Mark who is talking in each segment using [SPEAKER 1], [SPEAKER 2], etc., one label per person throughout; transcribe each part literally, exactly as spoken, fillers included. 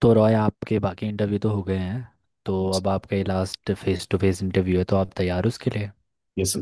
[SPEAKER 1] तो रॉय आपके बाकी इंटरव्यू तो हो गए हैं। तो अब आपका ये last face to face interview है, तो आप तैयार हो उसके लिए।
[SPEAKER 2] यस।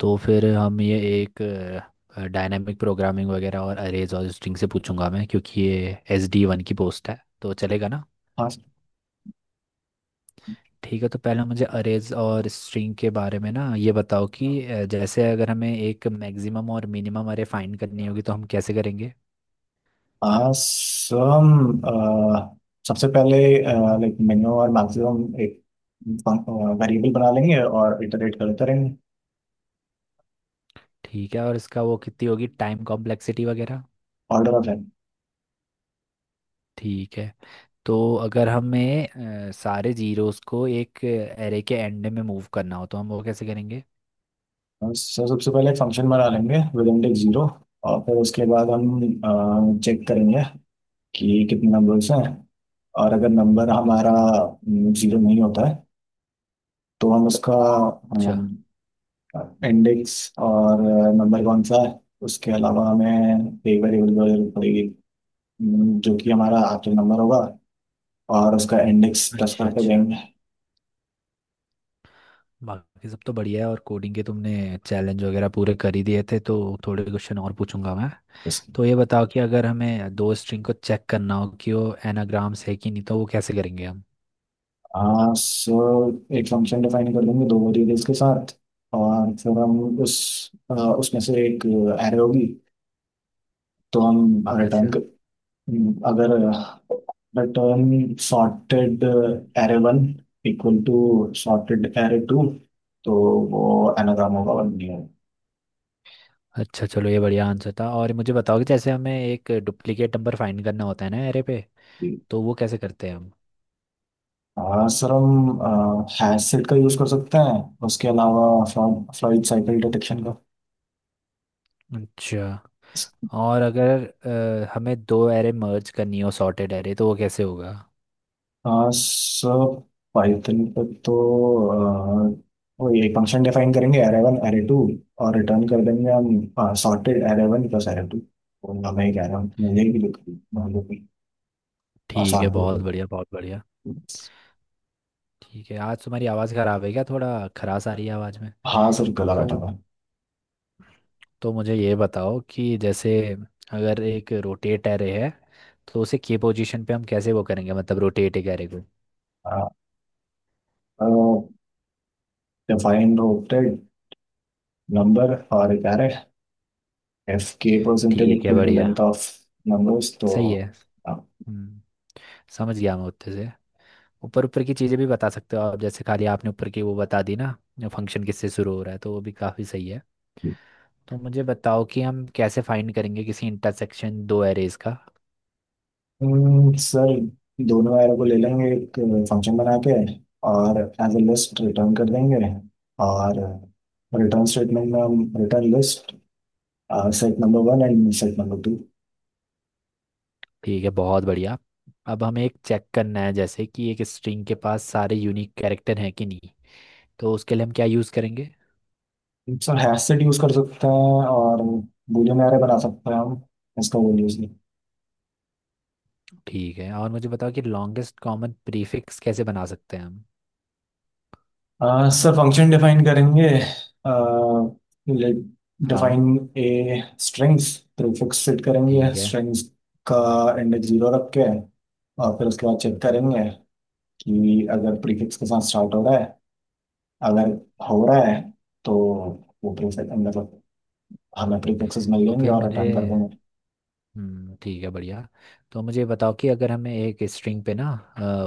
[SPEAKER 1] तो फिर हम ये एक डायनामिक प्रोग्रामिंग वगैरह और अरेज और स्ट्रिंग से पूछूंगा मैं, क्योंकि ये एस डी वन की पोस्ट है, तो चलेगा ना। ठीक है। तो पहले मुझे अरेज और स्ट्रिंग के बारे में ना ये बताओ कि अ, जैसे अगर हमें एक मैक्सिमम और मिनिमम अरे फाइंड करनी होगी तो हम कैसे करेंगे।
[SPEAKER 2] आसम, सबसे पहले लाइक मिनिमम और मैक्सिमम एक वेरिएबल बना लेंगे और इटरेट करते रहेंगे।
[SPEAKER 1] ठीक है। और इसका वो कितनी होगी टाइम कॉम्प्लेक्सिटी वगैरह।
[SPEAKER 2] Order of N.
[SPEAKER 1] ठीक है। तो अगर हमें अ, सारे जीरोस को एक एरे के एंड में मूव करना हो तो हम वो कैसे करेंगे।
[SPEAKER 2] सर सबसे पहले एक फंक्शन बना लेंगे विद इंडेक्स जीरो और फिर उसके बाद हम चेक करेंगे कि कितने नंबर्स हैं, और अगर नंबर हमारा जीरो नहीं होता है तो हम उसका
[SPEAKER 1] अच्छा
[SPEAKER 2] इंडेक्स और नंबर कौन सा है। उसके अलावा हमें एक वेरिएबल की जरूरत पड़ेगी, हम्म, जो कि हमारा आखिरी नंबर होगा और उसका इंडेक्स प्लस
[SPEAKER 1] अच्छा
[SPEAKER 2] करके
[SPEAKER 1] अच्छा।
[SPEAKER 2] देंगे
[SPEAKER 1] बाकी सब तो बढ़िया है, और कोडिंग के तुमने चैलेंज वगैरह पूरे कर ही दिए थे तो थोड़े क्वेश्चन और पूछूंगा मैं।
[SPEAKER 2] इसके।
[SPEAKER 1] तो ये बताओ कि अगर हमें दो स्ट्रिंग को चेक करना हो कि वो एनाग्राम्स है कि नहीं तो वो कैसे करेंगे हम।
[SPEAKER 2] हाँ सो, एक फंक्शन डिफाइन कर लेंगे दो वेरिएबल्स के साथ और फिर हम उस अ, उसमें से एक एरे होगी, तो हम रिटर्न
[SPEAKER 1] अच्छा।
[SPEAKER 2] कर, हम्म, अगर return sorted array one equal to sorted array two, तो वो एनाग्राम होगा वन नहीं होगा।
[SPEAKER 1] अच्छा, चलो ये बढ़िया आंसर था। और मुझे बताओ कि जैसे हमें एक डुप्लीकेट नंबर फाइंड करना होता है ना एरे पे, तो वो कैसे करते हैं हम।
[SPEAKER 2] हाँ सर, हम हैंडसेट का यूज़ कर सकते हैं उसके अलावा फ्लॉइड साइकिल डिटेक्शन का।
[SPEAKER 1] अच्छा। और अगर अ, हमें दो एरे मर्ज करनी हो सॉर्टेड एरे तो वो कैसे होगा।
[SPEAKER 2] हाँ सर, पाइथन पे तो अह, वो ये फंक्शन डिफाइन करेंगे एरे वन एरे टू और रिटर्न कर देंगे हम sorted array one plus array two, और हमें एक एरे मिल जाएगी जो कि मान लो कि
[SPEAKER 1] ठीक
[SPEAKER 2] आसान
[SPEAKER 1] है,
[SPEAKER 2] भी
[SPEAKER 1] बहुत
[SPEAKER 2] होगी।
[SPEAKER 1] बढ़िया बहुत बढ़िया। ठीक है। आज तुम्हारी आवाज़ ख़राब है क्या? थोड़ा खराश आ रही है आवाज़ में।
[SPEAKER 2] हाँ सर, गला बैठा
[SPEAKER 1] तो
[SPEAKER 2] हुआ
[SPEAKER 1] तो मुझे ये बताओ कि जैसे अगर एक रोटेट एरे है तो उसे के पोजीशन पे हम कैसे वो करेंगे, मतलब रोटेट एक एरे को।
[SPEAKER 2] है। डिफाइन रोटेड नंबर और एक array। If k percentage
[SPEAKER 1] ठीक है,
[SPEAKER 2] equal to
[SPEAKER 1] बढ़िया।
[SPEAKER 2] length ऑफ
[SPEAKER 1] हम्म,
[SPEAKER 2] numbers तो।
[SPEAKER 1] सही है। हम्म, समझ गया मैं उत्ते से। ऊपर ऊपर की चीज़ें भी बता सकते हो आप, जैसे खाली आपने ऊपर की वो बता दी ना, फंक्शन किससे शुरू हो रहा है, तो वो भी काफ़ी सही है। तो मुझे बताओ कि हम कैसे फाइंड करेंगे किसी इंटरसेक्शन दो एरेज का।
[SPEAKER 2] हम्म, सर दोनों एरो को ले लेंगे एक फंक्शन बना के और एज ए लिस्ट रिटर्न कर देंगे, और रिटर्न स्टेटमेंट में हम return list set number one and set number two.
[SPEAKER 1] ठीक है, बहुत बढ़िया। अब हमें एक चेक करना है जैसे कि एक स्ट्रिंग के पास सारे यूनिक कैरेक्टर हैं कि नहीं, तो उसके लिए हम क्या यूज़ करेंगे।
[SPEAKER 2] सर हैश सेट यूज कर सकते हैं और boolean array बना सकते हैं हम, इसका वो यूज।
[SPEAKER 1] ठीक है। और मुझे बताओ कि लॉन्गेस्ट कॉमन प्रीफिक्स कैसे बना सकते हैं हम।
[SPEAKER 2] आ, सर फंक्शन डिफाइन करेंगे लाइक
[SPEAKER 1] हाँ।
[SPEAKER 2] Define a strings, prefix set करेंगे
[SPEAKER 1] ठीक है।
[SPEAKER 2] स्ट्रिंग्स का इंडेक्स जीरो रख के, और फिर उसके बाद चेक
[SPEAKER 1] हम्म।
[SPEAKER 2] करेंगे कि अगर प्रीफिक्स के साथ स्टार्ट हो रहा है, अगर हो रहा है तो वो प्रीफिक्स मतलब हमें प्रीफिक्सेस मिल
[SPEAKER 1] तो
[SPEAKER 2] जाएंगे
[SPEAKER 1] फिर
[SPEAKER 2] और
[SPEAKER 1] मुझे,
[SPEAKER 2] रिटर्न कर देंगे।
[SPEAKER 1] हम्म, ठीक है, बढ़िया। तो मुझे बताओ कि अगर हमें एक स्ट्रिंग पे ना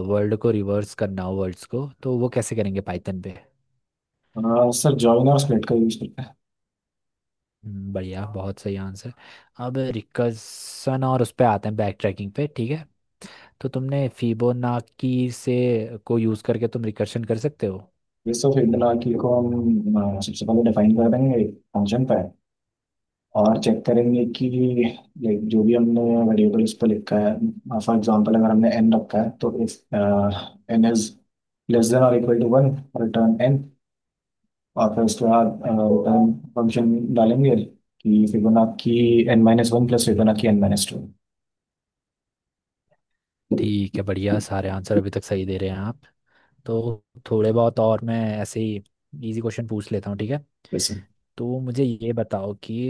[SPEAKER 1] वर्ल्ड को रिवर्स करना हो वर्ड्स को तो वो कैसे करेंगे पाइथन पे।
[SPEAKER 2] आ, सर जॉइन और स्प्लिट का यूज करते हैं।
[SPEAKER 1] हम्म, बढ़िया, बहुत सही आंसर। अब रिकर्सन और उस पे आते हैं, बैक ट्रैकिंग पे, ठीक है। तो तुमने फिबोनाकी से को यूज़ करके तुम रिकर्शन कर सकते हो।
[SPEAKER 2] ये सब फील्ड की को हम आ, सबसे पहले डिफाइन कर देंगे फंक्शन पे, और चेक करेंगे कि लाइक जो भी हमने वेरिएबल्स पे लिखा है। फॉर एग्जांपल अगर हमने एन रखा है तो if N is less than और equal to one return N, और फिर उसके बाद रिटर्न फंक्शन डालेंगे कि Fibonacci N minus one plus Fibonacci N minus two.
[SPEAKER 1] ठीक है, बढ़िया। सारे आंसर अभी तक सही दे रहे हैं आप। तो थोड़े बहुत और मैं ऐसे ही इजी क्वेश्चन पूछ लेता हूँ, ठीक है।
[SPEAKER 2] जैसे
[SPEAKER 1] तो मुझे ये बताओ कि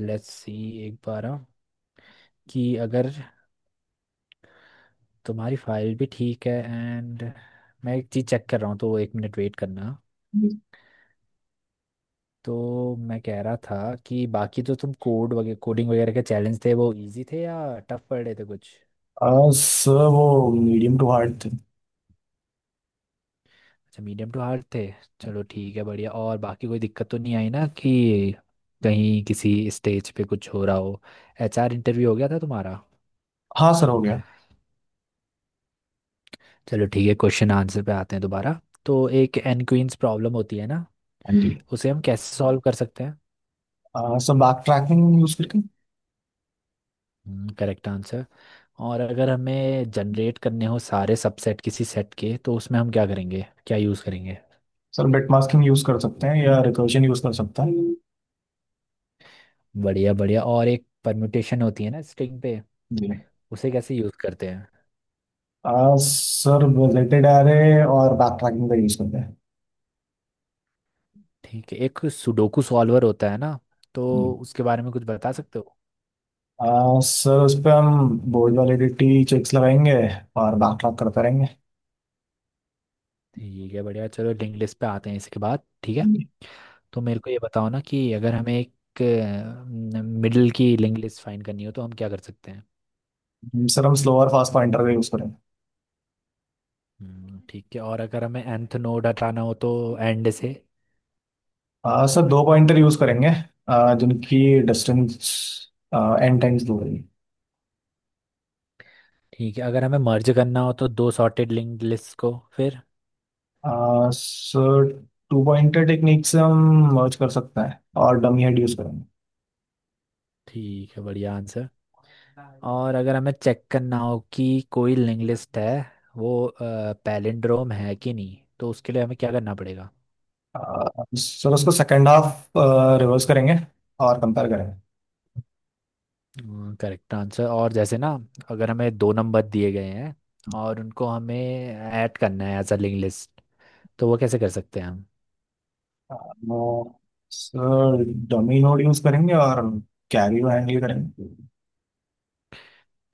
[SPEAKER 1] लेट्स सी एक बार, अ, कि अगर तुम्हारी फाइल भी ठीक है। एंड मैं एक चीज़ चेक कर रहा हूँ तो एक मिनट वेट करना। तो मैं कह रहा था कि बाकी जो तुम कोड वगैरह कोडिंग वगैरह के चैलेंज थे वो इजी थे या टफ पड़ रहे थे कुछ।
[SPEAKER 2] अह, सर वो मीडियम टू हार्ड थे।
[SPEAKER 1] अच्छा, मीडियम टू हार्ड थे। चलो ठीक है, बढ़िया। और बाकी कोई दिक्कत तो नहीं आई ना कि कहीं किसी स्टेज पे कुछ हो रहा हो? एचआर इंटरव्यू हो गया था तुम्हारा?
[SPEAKER 2] हाँ सर हो गया।
[SPEAKER 1] चलो ठीक है, क्वेश्चन आंसर पे आते हैं दोबारा। तो एक एनक्वींस प्रॉब्लम होती है ना,
[SPEAKER 2] हाँ जी।
[SPEAKER 1] उसे हम कैसे सॉल्व कर सकते
[SPEAKER 2] अह, सर बैक ट्रैकिंग यूज करके।
[SPEAKER 1] हैं? Correct answer. और अगर हमें जनरेट करने हो सारे सबसेट किसी सेट के तो उसमें हम क्या करेंगे, क्या यूज़ करेंगे?
[SPEAKER 2] सर बिट मास्किंग यूज कर सकते हैं या रिकर्जन यूज कर सकते हैं।
[SPEAKER 1] बढ़िया बढ़िया। और एक परम्यूटेशन होती है ना स्ट्रिंग पे,
[SPEAKER 2] जी।
[SPEAKER 1] उसे कैसे यूज करते हैं?
[SPEAKER 2] आ, सर बुलेटेड एरे और बैक ट्रैकिंग का यूज करते हैं।
[SPEAKER 1] ठीक है। एक सुडोकू सॉल्वर होता है ना, तो
[SPEAKER 2] जी।
[SPEAKER 1] उसके बारे में कुछ बता सकते हो?
[SPEAKER 2] आ, सर उस पर हम बोर्ड वैलिडिटी चेक्स लगाएंगे और बैक ट्रैक करते रहेंगे।
[SPEAKER 1] ठीक है, बढ़िया। चलो लिंक लिस्ट पे आते हैं इसके बाद, ठीक
[SPEAKER 2] हाँ
[SPEAKER 1] है।
[SPEAKER 2] जी।
[SPEAKER 1] तो मेरे को ये बताओ ना कि अगर हमें एक मिडिल की लिंक लिस्ट फाइंड करनी हो तो हम क्या कर सकते हैं?
[SPEAKER 2] हम्म, सर हम स्लो और फास्ट पॉइंटर का यूज करेंगे।
[SPEAKER 1] हम्म, ठीक है। और अगर हमें nth नोड हटाना हो तो एंड से?
[SPEAKER 2] आ, सर दो पॉइंटर यूज करेंगे, आ, जिनकी डिस्टेंस एन टाइम्स दूर है।
[SPEAKER 1] ठीक है। अगर हमें मर्ज करना हो तो दो सॉर्टेड लिंक्ड लिस्ट को फिर?
[SPEAKER 2] आ, सर टू पॉइंटर टेक्निक से हम मर्ज कर सकते हैं और डमी हेड यूज करेंगे।
[SPEAKER 1] ठीक है, बढ़िया आंसर। और अगर हमें चेक करना हो कि कोई लिंक लिस्ट है वो पैलिंड्रोम है कि नहीं, तो उसके लिए हमें क्या करना पड़ेगा?
[SPEAKER 2] आ, सर उसको सेकेंड हाफ रिवर्स करेंगे और कंपेयर करेंगे।
[SPEAKER 1] Correct answer. और जैसे ना अगर हमें दो नंबर दिए गए हैं और उनको हमें ऐड करना है एज अ लिंक लिस्ट, तो वो कैसे कर सकते हैं हम?
[SPEAKER 2] हाँ, सर डमी नोड यूज करेंगे और कैरी को हैंडल करेंगे।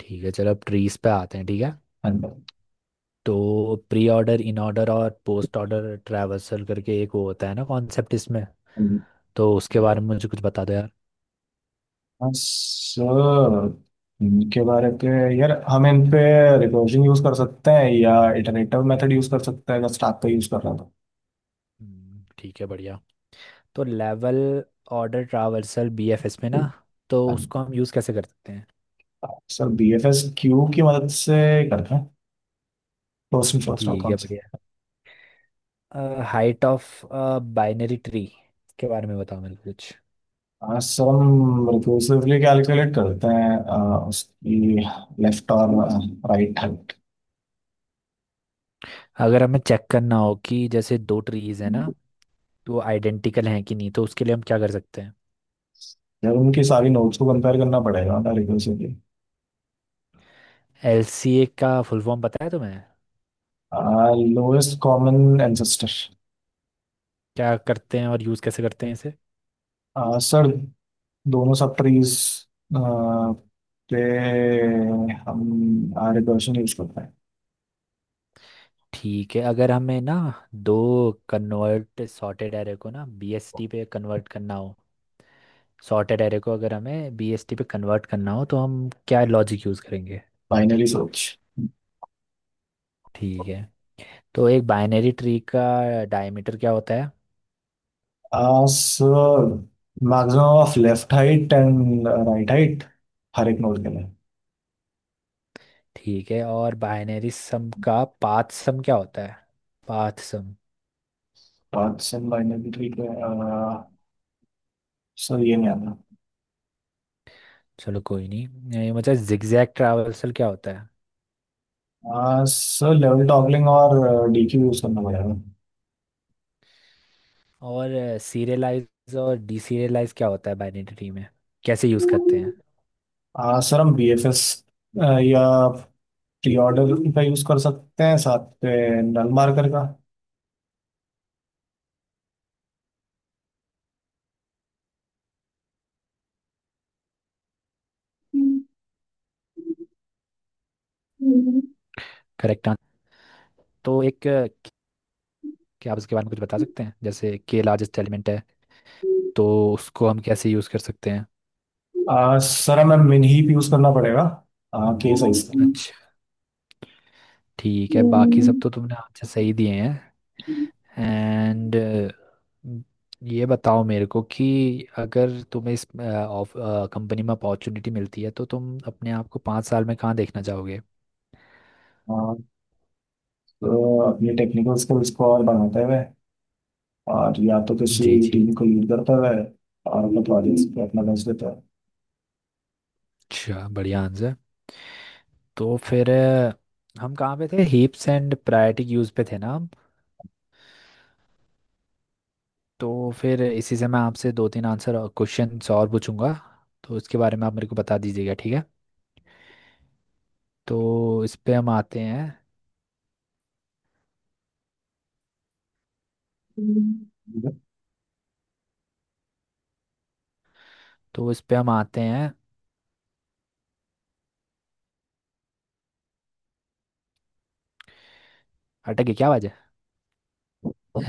[SPEAKER 1] ठीक है, चलो अब ट्रीज पे आते हैं, ठीक है।
[SPEAKER 2] And-
[SPEAKER 1] तो प्री ऑर्डर, इन ऑर्डर और पोस्ट ऑर्डर ट्रैवर्सल करके एक वो होता है ना कॉन्सेप्ट इसमें,
[SPEAKER 2] and-
[SPEAKER 1] तो उसके हम्म बारे में मुझे कुछ बता दो यार।
[SPEAKER 2] हाँ, सर इनके बारे पे यार हम इन पे रिकर्जन यूज कर सकते हैं या इटरेटिव मेथड यूज कर सकते हैं, अगर स्टार्ट पे यूज कर रहा था।
[SPEAKER 1] हम्म, ठीक है, बढ़िया। तो लेवल ऑर्डर ट्रावर्सल बीएफएस में ना, तो
[SPEAKER 2] हाँ,
[SPEAKER 1] उसको हम यूज़ कैसे कर सकते हैं?
[SPEAKER 2] Sir B F S queue की मदद से करते हैं, फर्स्ट इन फर्स्ट आउट
[SPEAKER 1] ठीक है, बढ़िया।
[SPEAKER 2] Concept.
[SPEAKER 1] Height of binary tree के बारे में बताओ मेरे को कुछ।
[SPEAKER 2] हाँ, सर हम रिकर्सिवली कैलकुलेट करते हैं अ, उसकी लेफ्ट और राइट हैंड।
[SPEAKER 1] अगर हमें चेक करना हो कि जैसे दो ट्रीज है ना, तो वो आइडेंटिकल हैं कि नहीं, तो उसके लिए हम क्या कर सकते हैं?
[SPEAKER 2] यार उनकी सारी नोट्स को कंपेयर करना पड़ेगा ना रिकर्सिवली।
[SPEAKER 1] एलसीए का फुल फॉर्म पता है तुम्हें?
[SPEAKER 2] Lowest common ancestor.
[SPEAKER 1] क्या करते हैं और यूज़ कैसे करते हैं इसे?
[SPEAKER 2] सर दोनों सब ट्रीज पे हम आ रिकर्शन यूज करते हैं।
[SPEAKER 1] ठीक है। अगर हमें ना दो कन्वर्ट सॉर्टेड एरे को ना बीएसटी पे कन्वर्ट करना हो, सॉर्टेड एरे को अगर हमें बीएसटी पे कन्वर्ट करना हो तो हम क्या लॉजिक यूज़ करेंगे?
[SPEAKER 2] Binary search.
[SPEAKER 1] ठीक है। तो एक बाइनरी ट्री का डायमीटर क्या होता है?
[SPEAKER 2] Sir maximum of left height and right height, हर एक नोड के लिए।
[SPEAKER 1] ठीक है। और बाइनरी सम का पाथ सम क्या होता है? Path some.
[SPEAKER 2] Paths in binary tree पे सर ये नहीं
[SPEAKER 1] चलो कोई नहीं। ये मतलब जिगजैग ट्रैवर्सल क्या होता है?
[SPEAKER 2] आता। सर लेवल टॉगलिंग और डीक्यू यूज करना पड़ेगा।
[SPEAKER 1] और सीरियलाइज और डीसीरियलाइज क्या होता है बाइनरी ट्री में, कैसे यूज़ करते हैं?
[SPEAKER 2] आ, सर हम बीएफएस या प्री ऑर्डर का यूज कर सकते हैं साथ पे नल मार्कर का।
[SPEAKER 1] Correct answer. तो एक अ, क्या आप उसके बारे में कुछ बता सकते हैं जैसे के लार्जेस्ट एलिमेंट है, तो उसको हम कैसे यूज़ कर सकते हैं?
[SPEAKER 2] आ, सर हमें मिन ही यूज करना पड़ेगा, आ, के साइज का।
[SPEAKER 1] अच्छा, ठीक है। बाकी सब तो तुमने आंसर सही दिए हैं। एंड ये बताओ मेरे को कि अगर तुम्हें इस कंपनी में अपॉर्चुनिटी मिलती है तो तुम अपने आप को पाँच साल में कहाँ देखना चाहोगे?
[SPEAKER 2] आ, तो अपने टेक्निकल स्किल्स को और बढ़ाते हुए और या तो
[SPEAKER 1] जी
[SPEAKER 2] किसी
[SPEAKER 1] जी।
[SPEAKER 2] टीम को लीड करते हुए और अपने प्रोजेक्ट्स पे अपना बेस्ट देता
[SPEAKER 1] अच्छा, बढ़िया आंसर। तो फिर अ, हम कहाँ पे थे, हीप्स एंड प्रायोरिटी यूज पे थे ना हम। तो फिर इसी से मैं आपसे दो तीन आंसर और क्वेश्चंस और पूछूंगा, तो इसके बारे में आप मेरे को बता दीजिएगा, ठीक है। तो इस पे हम आते हैं।
[SPEAKER 2] है।
[SPEAKER 1] तो इस पे हम आते हैं। अटक गई क्या आवाज? पडिर ऑय filtरण है वह सारे हैं अ..